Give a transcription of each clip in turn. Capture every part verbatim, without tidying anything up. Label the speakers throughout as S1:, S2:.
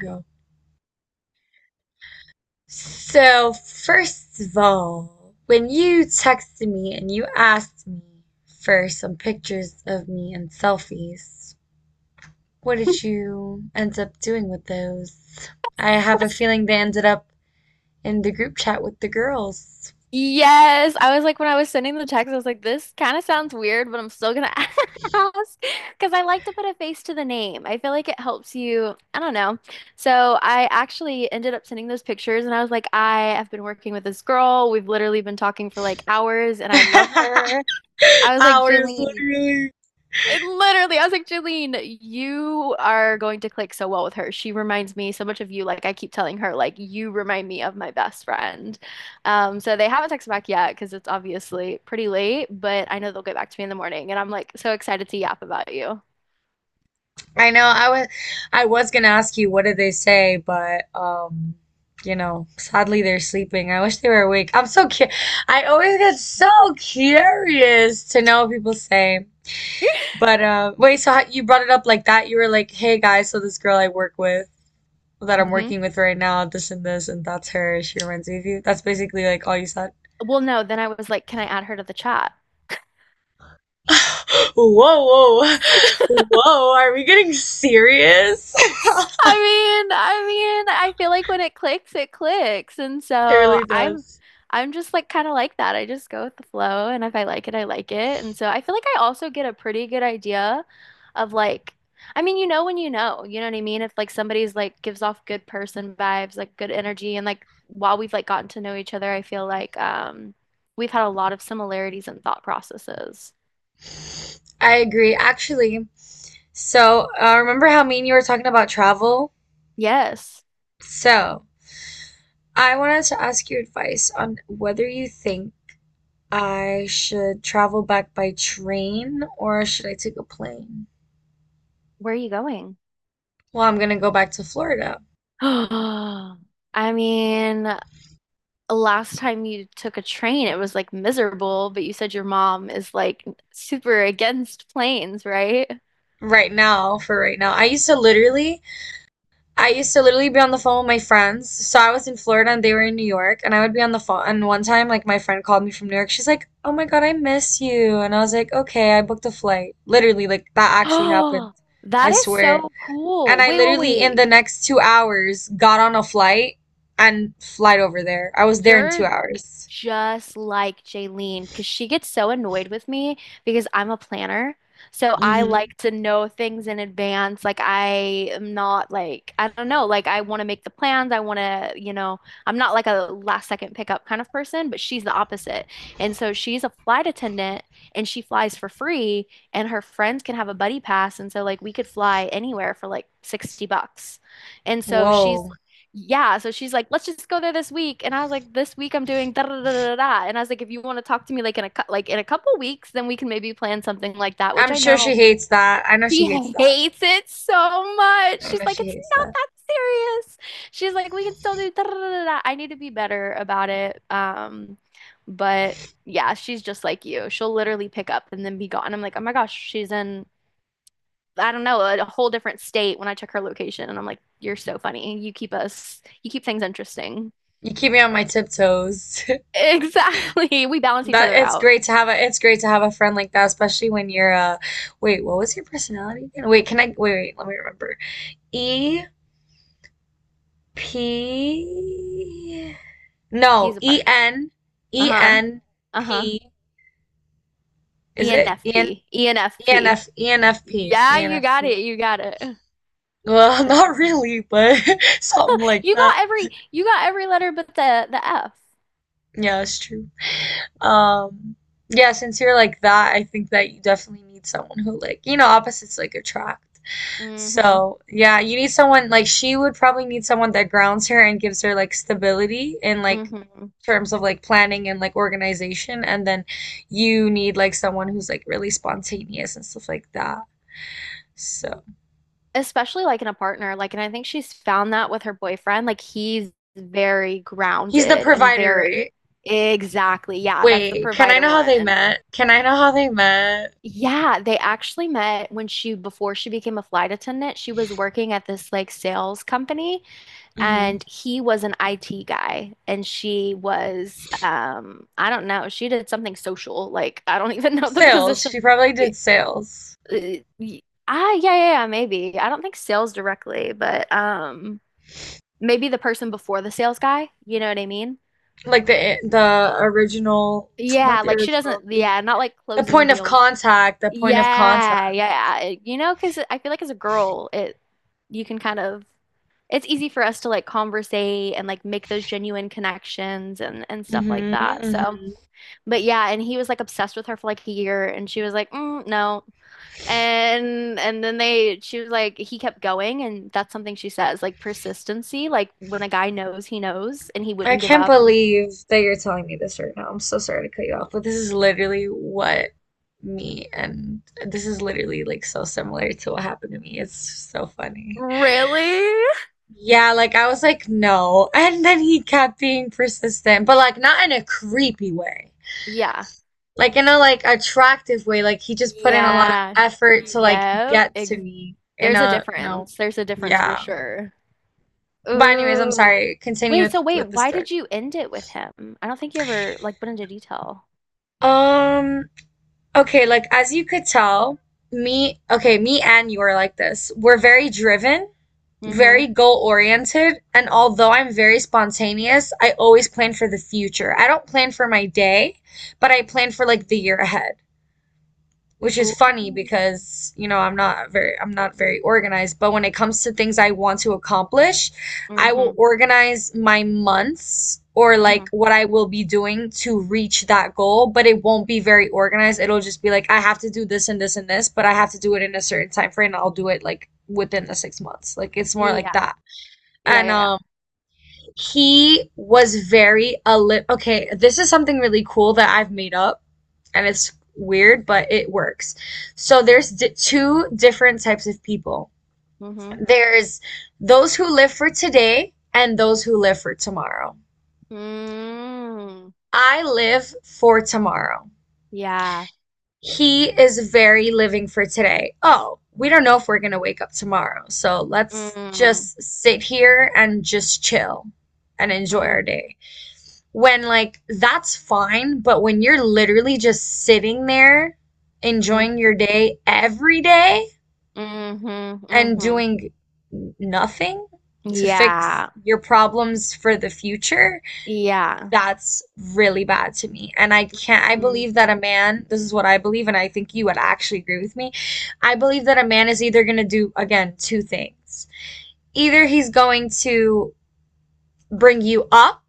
S1: Go. So, first of all, when you texted me and you asked me for some pictures of me and selfies, what did you end up doing with those? I have a feeling they ended up in the group chat with the girls.
S2: Yes, I was like when I was sending the text, I was like, this kind of sounds weird, but I'm still gonna ask because I like to put a face to the name. I feel like it helps you. I don't know. So I actually ended up sending those pictures, and I was like, I have been working with this girl. We've literally been talking for like hours, and I love her. I was like,
S1: Hours,
S2: Jaylene,
S1: literally.
S2: It literally, I was like, Jalene, you are going to click so well with her. She reminds me so much of you. Like I keep telling her, like you remind me of my best friend. Um, so they haven't texted back yet because it's obviously pretty late, but I know they'll get back to me in the morning, and I'm like so excited to yap about you.
S1: I know I was I was gonna ask you what did they say, but um, you know, sadly they're sleeping. I wish they were awake. I'm so cu I always get so curious to know what people say. But uh, wait, so how, you brought it up like that? You were like, "Hey guys, so this girl I work with that I'm
S2: Hmm.
S1: working with right now, this and this, and that's her. She reminds me of you." That's basically like all you said.
S2: Well, no, then I was like, can I add her to the chat?
S1: Whoa, whoa, whoa! Are we getting serious?
S2: I mean, I mean, I feel like when it clicks, it clicks. And
S1: It
S2: so
S1: really
S2: I'm
S1: does.
S2: I'm just like kind of like that. I just go with the flow and if I like it, I like it. And so I feel like I also get a pretty good idea of like I mean, you know when you know, you know what I mean? If like somebody's like gives off good person vibes, like good energy and like while we've like gotten to know each other, I feel like um we've had a lot of similarities and thought processes.
S1: I agree. Actually, so uh, remember how mean you were talking about travel?
S2: Yes.
S1: So I wanted to ask your advice on whether you think I should travel back by train or should I take a plane?
S2: Where are you going?
S1: Well, I'm gonna go back to Florida
S2: I mean, last time you took a train, it was like miserable, but you said your mom is like super against planes, right?
S1: right now for right now. I used to literally. I used to literally be on the phone with my friends. So I was in Florida and they were in New York, and I would be on the phone. And one time, like, my friend called me from New York. She's like, oh my God, I miss you. And I was like, okay, I booked a flight. Literally, like, that actually happened.
S2: Oh,
S1: I
S2: that is
S1: swear.
S2: so
S1: And
S2: cool.
S1: I
S2: Wait, wait,
S1: literally, in the
S2: wait.
S1: next two hours, got on a flight and flight over there. I was there in
S2: Your
S1: two hours.
S2: just like Jaylene because she gets so annoyed with me because I'm a planner. So I like
S1: hmm
S2: to know things in advance. Like I am not like I don't know, like I want to make the plans. I want to, you know, I'm not like a last second pickup kind of person, but she's the opposite. And so she's a flight attendant and she flies for free and her friends can have a buddy pass and so like we could fly anywhere for like sixty bucks. And so she's
S1: Whoa.
S2: Yeah, so she's like, let's just go there this week. And I was like, this week I'm doing da da da da da. And I was like, if you want to talk to me like in a cou- like in a couple weeks, then we can maybe plan something like that, which
S1: I'm
S2: I
S1: sure
S2: know
S1: she hates that. I know she
S2: she
S1: hates that.
S2: hates it so much.
S1: I
S2: She's
S1: know
S2: like,
S1: she
S2: it's
S1: hates
S2: not
S1: that.
S2: that serious. She's like, we can still do da da da da da. I need to be better about it. Um, but yeah, she's just like you. She'll literally pick up and then be gone. I'm like, oh my gosh, she's in I don't know, a whole different state when I took her location. And I'm like, you're so funny. You keep us, you keep things interesting.
S1: You keep me on my tiptoes.
S2: Exactly. We balance each
S1: That
S2: other
S1: it's
S2: out.
S1: great to have a It's great to have a friend like that, especially when you're uh wait, what was your personality again? Wait, can I wait, wait, let me remember. E P,
S2: P
S1: no,
S2: is a
S1: E
S2: partner.
S1: N E
S2: Uh-huh.
S1: N
S2: Uh-huh.
S1: P is it? E N
S2: E N F P.
S1: E N
S2: E N F P.
S1: F E N F P E
S2: Yeah,
S1: N
S2: you
S1: F
S2: got
S1: P.
S2: it. You got it.
S1: Well, not really, but something like
S2: You
S1: that.
S2: got every you got every letter but the the F.
S1: Yeah, it's true. Um yeah, since you're like that, I think that you definitely need someone who, like, you know, opposites like attract.
S2: Mm-hmm.
S1: So, yeah, you need someone like she would probably need someone that grounds her and gives her like stability in like
S2: Mm-hmm.
S1: terms of like planning and like organization. And then you need like someone who's like really spontaneous and stuff like that. So,
S2: Especially like in a partner, like, and I think she's found that with her boyfriend, like he's very
S1: he's the
S2: grounded and
S1: provider,
S2: very
S1: right?
S2: exactly, yeah, that's the
S1: Wait, can I
S2: provider
S1: know how they
S2: one.
S1: met? Can I know how they met?
S2: Yeah, they actually met when she before she became a flight attendant, she was working at this like sales company
S1: Hmm.
S2: and he was an I T guy and she was um I don't know, she did something social, like I don't even know the
S1: Sales.
S2: position.
S1: She probably did sales.
S2: Y- y- Ah, yeah, yeah, yeah, maybe. I don't think sales directly, but um maybe the person before the sales guy, you know what I mean?
S1: Like the the original,
S2: Yeah,
S1: not the
S2: like she
S1: original,
S2: doesn't, yeah,
S1: the
S2: not like
S1: the
S2: closing
S1: point of
S2: deals.
S1: contact, the point of contact.
S2: Yeah, yeah, it- you know, because I feel like as a girl, it you can kind of, it's easy for us to like conversate and like make those genuine connections and and stuff like
S1: Mm-hmm,
S2: that. So,
S1: mm-hmm.
S2: but yeah, and he was like obsessed with her for like a year, and she was like, mm, no, and and then they she was like he kept going, and that's something she says like persistency, like when a guy knows, he knows, and he
S1: I
S2: wouldn't give
S1: can't
S2: up.
S1: believe that you're telling me this right now. I'm so sorry to cut you off, but this is literally what me and this is literally like so similar to what happened to me. It's so funny.
S2: Really?
S1: Yeah, like I was like, no. And then he kept being persistent, but like not in a creepy way.
S2: Yeah.
S1: Like in a like attractive way. Like he just put in a lot of
S2: Yeah.
S1: effort to like
S2: Yep.
S1: get
S2: Ex
S1: to me in
S2: There's a
S1: a, you know,
S2: difference. There's a difference for
S1: yeah.
S2: sure.
S1: But anyways, I'm
S2: Ooh.
S1: sorry. Continue
S2: Wait,
S1: with
S2: so wait,
S1: with the
S2: why
S1: story.
S2: did you end it with him? I don't think you ever like went into detail.
S1: Um, Okay, like as you could tell, me, okay, me and you are like this. We're very driven,
S2: Mm-hmm.
S1: very goal oriented, and although I'm very spontaneous, I always plan for the future. I don't plan for my day, but I plan for like the year ahead, which is
S2: Ooh.
S1: funny because, you know, i'm not very I'm not very organized, but when it comes to things I want to accomplish, I will
S2: Mm-hmm.
S1: organize my months or
S2: Mm-hmm.
S1: like what I will be doing to reach that goal, but it won't be very organized. It'll just be like I have to do this and this and this, but I have to do it in a certain time frame. I'll do it like within the six months. Like it's more like
S2: Yeah.
S1: that.
S2: Yeah,
S1: And
S2: yeah, yeah.
S1: um he was very a li- okay, this is something really cool that I've made up, and it's weird, but it works. So there's di- two different types of people.
S2: Mm-hmm.
S1: There's those who live for today and those who live for tomorrow.
S2: Mm.
S1: I live for tomorrow.
S2: Yeah.
S1: He is very living for today. Oh, we don't know if we're going to wake up tomorrow. So let's
S2: Mm.
S1: just sit here and just chill and enjoy
S2: Mm.
S1: our day. When, like, that's fine, but when you're literally just sitting there
S2: Mm.
S1: enjoying your day every day
S2: Mm-hmm.
S1: and
S2: Mm-hmm.
S1: doing nothing to fix
S2: Yeah.
S1: your problems for the future,
S2: Yeah.
S1: that's really bad to me. And I can't, I believe that a
S2: Mm-hmm.
S1: man, this is what I believe, and I think you would actually agree with me. I believe that a man is either going to do, again, two things. Either he's going to bring you up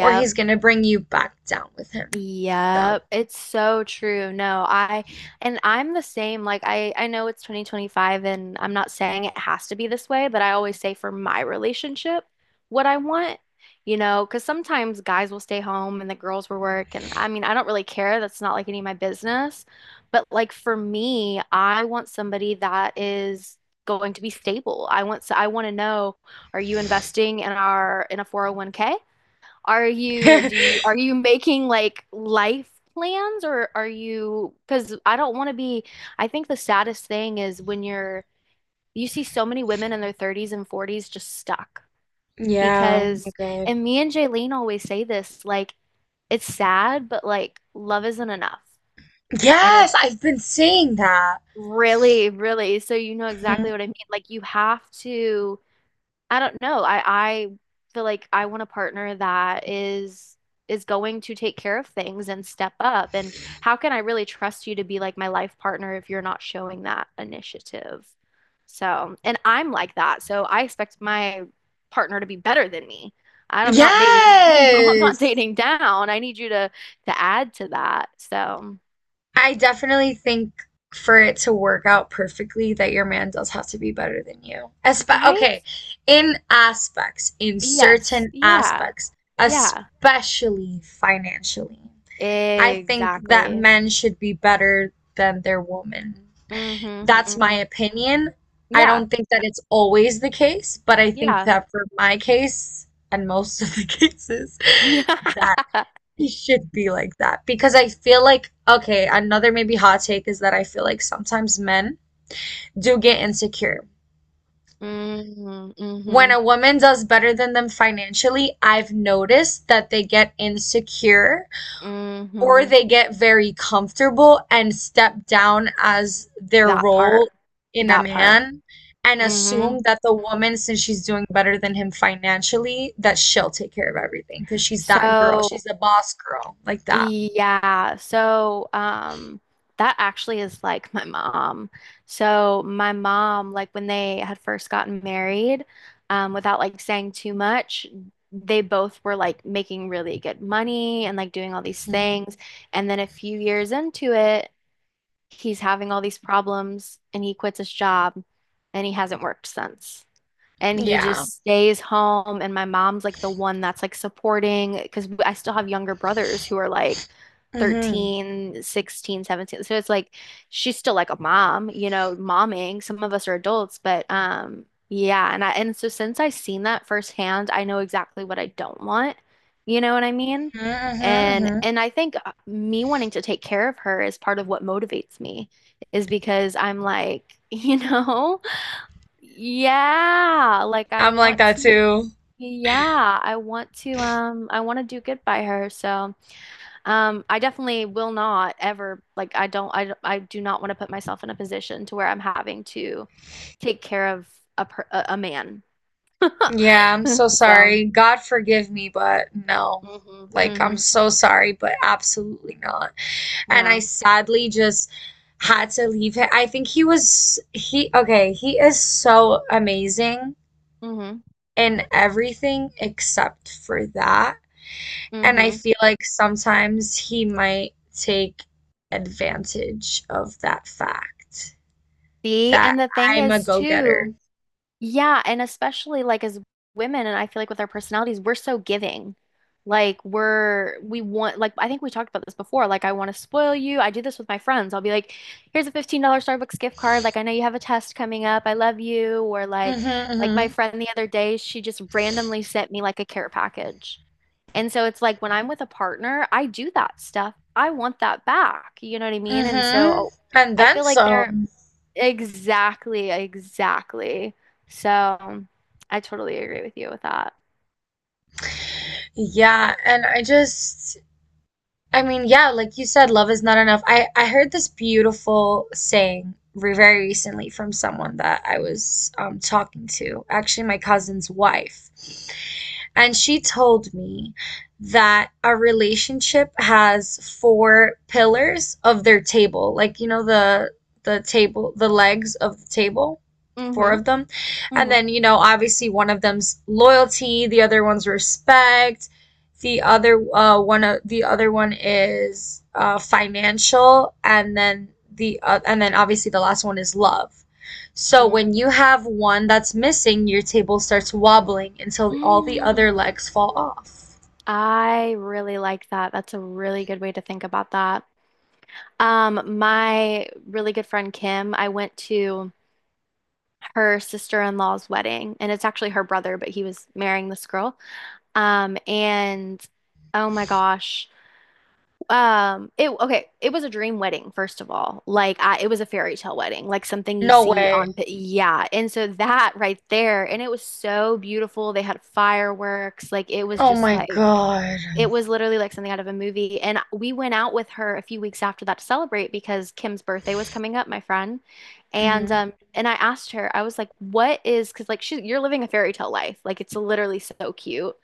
S1: or he's going to bring you back down with him. So.
S2: Yep, it's so true. No, I and I'm the same. Like I I know it's twenty twenty-five and I'm not saying it has to be this way, but I always say for my relationship what I want, you know, because sometimes guys will stay home and the girls will work and I mean, I don't really care. That's not like any of my business. But like for me, I want somebody that is going to be stable. I want so I want to know, are you investing in our in a four oh one k? Are you, do you, are you making like life plans or are you, because I don't want to be, I think the saddest thing is when you're, you see so many women in their thirties and forties just stuck
S1: Yeah, oh my
S2: because,
S1: God.
S2: and me and Jaylene always say this, like, it's sad, but like, love isn't enough. I know,
S1: Yes, I've been seeing that.
S2: really, really. So you know exactly what
S1: Hmm.
S2: I mean. Like, you have to, I don't know. I I feel like I want a partner that is is going to take care of things and step up. And how can I really trust you to be like my life partner if you're not showing that initiative? So, and I'm like that. So I expect my partner to be better than me. I'm not dating, you know, I'm not
S1: Yes.
S2: dating down. I need you to to add to that. So,
S1: I definitely think for it to work out perfectly that your man does have to be better than you. Espe
S2: right?
S1: Okay, in aspects, in
S2: Yes.
S1: certain
S2: Yeah.
S1: aspects,
S2: Yeah.
S1: especially financially. I think that
S2: Exactly.
S1: men should be better than their woman.
S2: Hmm.
S1: That's my
S2: Hmm.
S1: opinion. I
S2: Yeah.
S1: don't think that it's always the case, but I think
S2: Yeah.
S1: that for my case and most of the cases, that it should be like that because I feel like, okay, another maybe hot take is that I feel like sometimes men do get insecure.
S2: Mm-hmm,
S1: When
S2: mm-hmm,
S1: a woman does better than them financially, I've noticed that they get insecure or
S2: mm-hmm.
S1: they get very comfortable and step down as their
S2: That part,
S1: role in a
S2: that part.
S1: man and
S2: Mm-hmm.
S1: assume that the woman, since she's doing better than him financially, that she'll take care of everything because she's that girl,
S2: So,
S1: she's the boss girl like that.
S2: yeah, so um that actually is like my mom. So my mom, like when they had first gotten married, um, without like saying too much, they both were like making really good money and like doing all these
S1: Mhm.
S2: things. And then a few years into it, he's having all these problems and he quits his job and he hasn't worked since and he
S1: Yeah,
S2: just stays home and my mom's like the one that's like supporting because I still have younger brothers who are like
S1: mm-hmm.
S2: thirteen, sixteen, seventeen. So it's like she's still like a mom, you know, momming. Some of us are adults, but um yeah, and I and so since I've seen that firsthand, I know exactly what I don't want. You know what I mean?
S1: Mm-hmm,
S2: And
S1: hmm.
S2: and I think uh, me wanting to take care of her is part of what motivates me is because I'm like, you know, yeah, like I
S1: I'm like
S2: want
S1: that
S2: to
S1: too.
S2: yeah, I want to um I want to do good by her. So, um I definitely will not ever like I don't I don't- I do not want to put myself in a position to where I'm having to take care of a per a, a man.
S1: Yeah, I'm so
S2: So,
S1: sorry, god forgive me, but no,
S2: mhm,
S1: like I'm
S2: mhm.
S1: so sorry, but absolutely not. And I
S2: Yeah.
S1: sadly just had to leave him. I think he was he okay, he is so amazing
S2: Mhm,
S1: in everything except for that. And I
S2: mhm.
S1: feel like sometimes he might take advantage of that fact
S2: See,
S1: that
S2: and the thing
S1: I'm a
S2: is
S1: go-getter.
S2: too, yeah, and especially like as women, and I feel like with our personalities, we're so giving. Like we're we want, like I think we talked about this before. Like I want to spoil you. I do this with my friends. I'll be like, here's a fifteen dollar Starbucks gift card. Like I know you have a test coming up. I love you. Or
S1: Mm,
S2: like
S1: mhm,
S2: like my
S1: mhm.
S2: friend the other day, she just randomly sent me like a care package. And so it's like when I'm with a partner, I do that stuff. I want that back. You know what I mean? And
S1: Mhm.
S2: so
S1: And
S2: I
S1: then
S2: feel like there
S1: some.
S2: Exactly, exactly. So I totally agree with you with that.
S1: Yeah, and I just, I mean, yeah, like you said, love is not enough. I I heard this beautiful saying re- very recently from someone that I was um, talking to, actually my cousin's wife. And she told me that a relationship has four pillars of their table, like, you know, the the table, the legs of the table, four
S2: Mm-hmm.
S1: of them. And then, you know, obviously one of them's loyalty, the other one's respect, the other uh one of the other one is uh financial, and then the uh, and then obviously the last one is love. So
S2: Mm-hmm.
S1: when you have one that's missing, your table starts wobbling until all the
S2: Mm.
S1: other legs fall off.
S2: I really like that. That's a really good way to think about that. Um, my really good friend Kim, I went to her sister-in-law's wedding, and it's actually her brother, but he was marrying this girl. Um, and oh my gosh. Um, it okay, it was a dream wedding, first of all. Like I it was a fairy tale wedding, like something you
S1: No
S2: see
S1: way.
S2: on pi- yeah. And so that right there, and it was so beautiful. They had fireworks, like it was
S1: Oh
S2: just
S1: my
S2: like
S1: God.
S2: it was literally like something out of a movie. And we went out with her a few weeks after that to celebrate because Kim's birthday was coming up, my friend. And
S1: Hmm.
S2: um and I asked her, I was like, "What is?" Because like she, you're living a fairy tale life. Like it's literally so cute.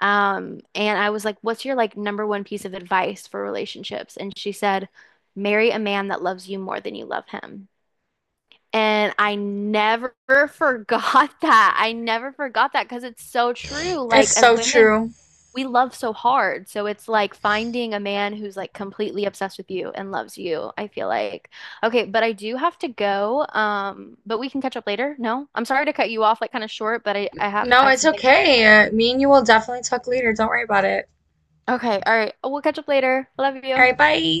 S2: Um and I was like, "What's your like number one piece of advice for relationships?" And she said, "Marry a man that loves you more than you love him." And I never forgot that. I never forgot that because it's so true.
S1: It's
S2: Like, as
S1: so
S2: women,
S1: true.
S2: we love so hard. So it's like finding a man who's like completely obsessed with you and loves you, I feel like. Okay, but I do have to go. Um, but we can catch up later. No, I'm sorry to cut you off like kind of short, but I, I have
S1: No,
S2: I have
S1: it's
S2: something.
S1: okay. Uh, me and you will definitely talk later. Don't worry about it.
S2: Okay, all right. We'll catch up later. Love
S1: All
S2: you.
S1: right, bye.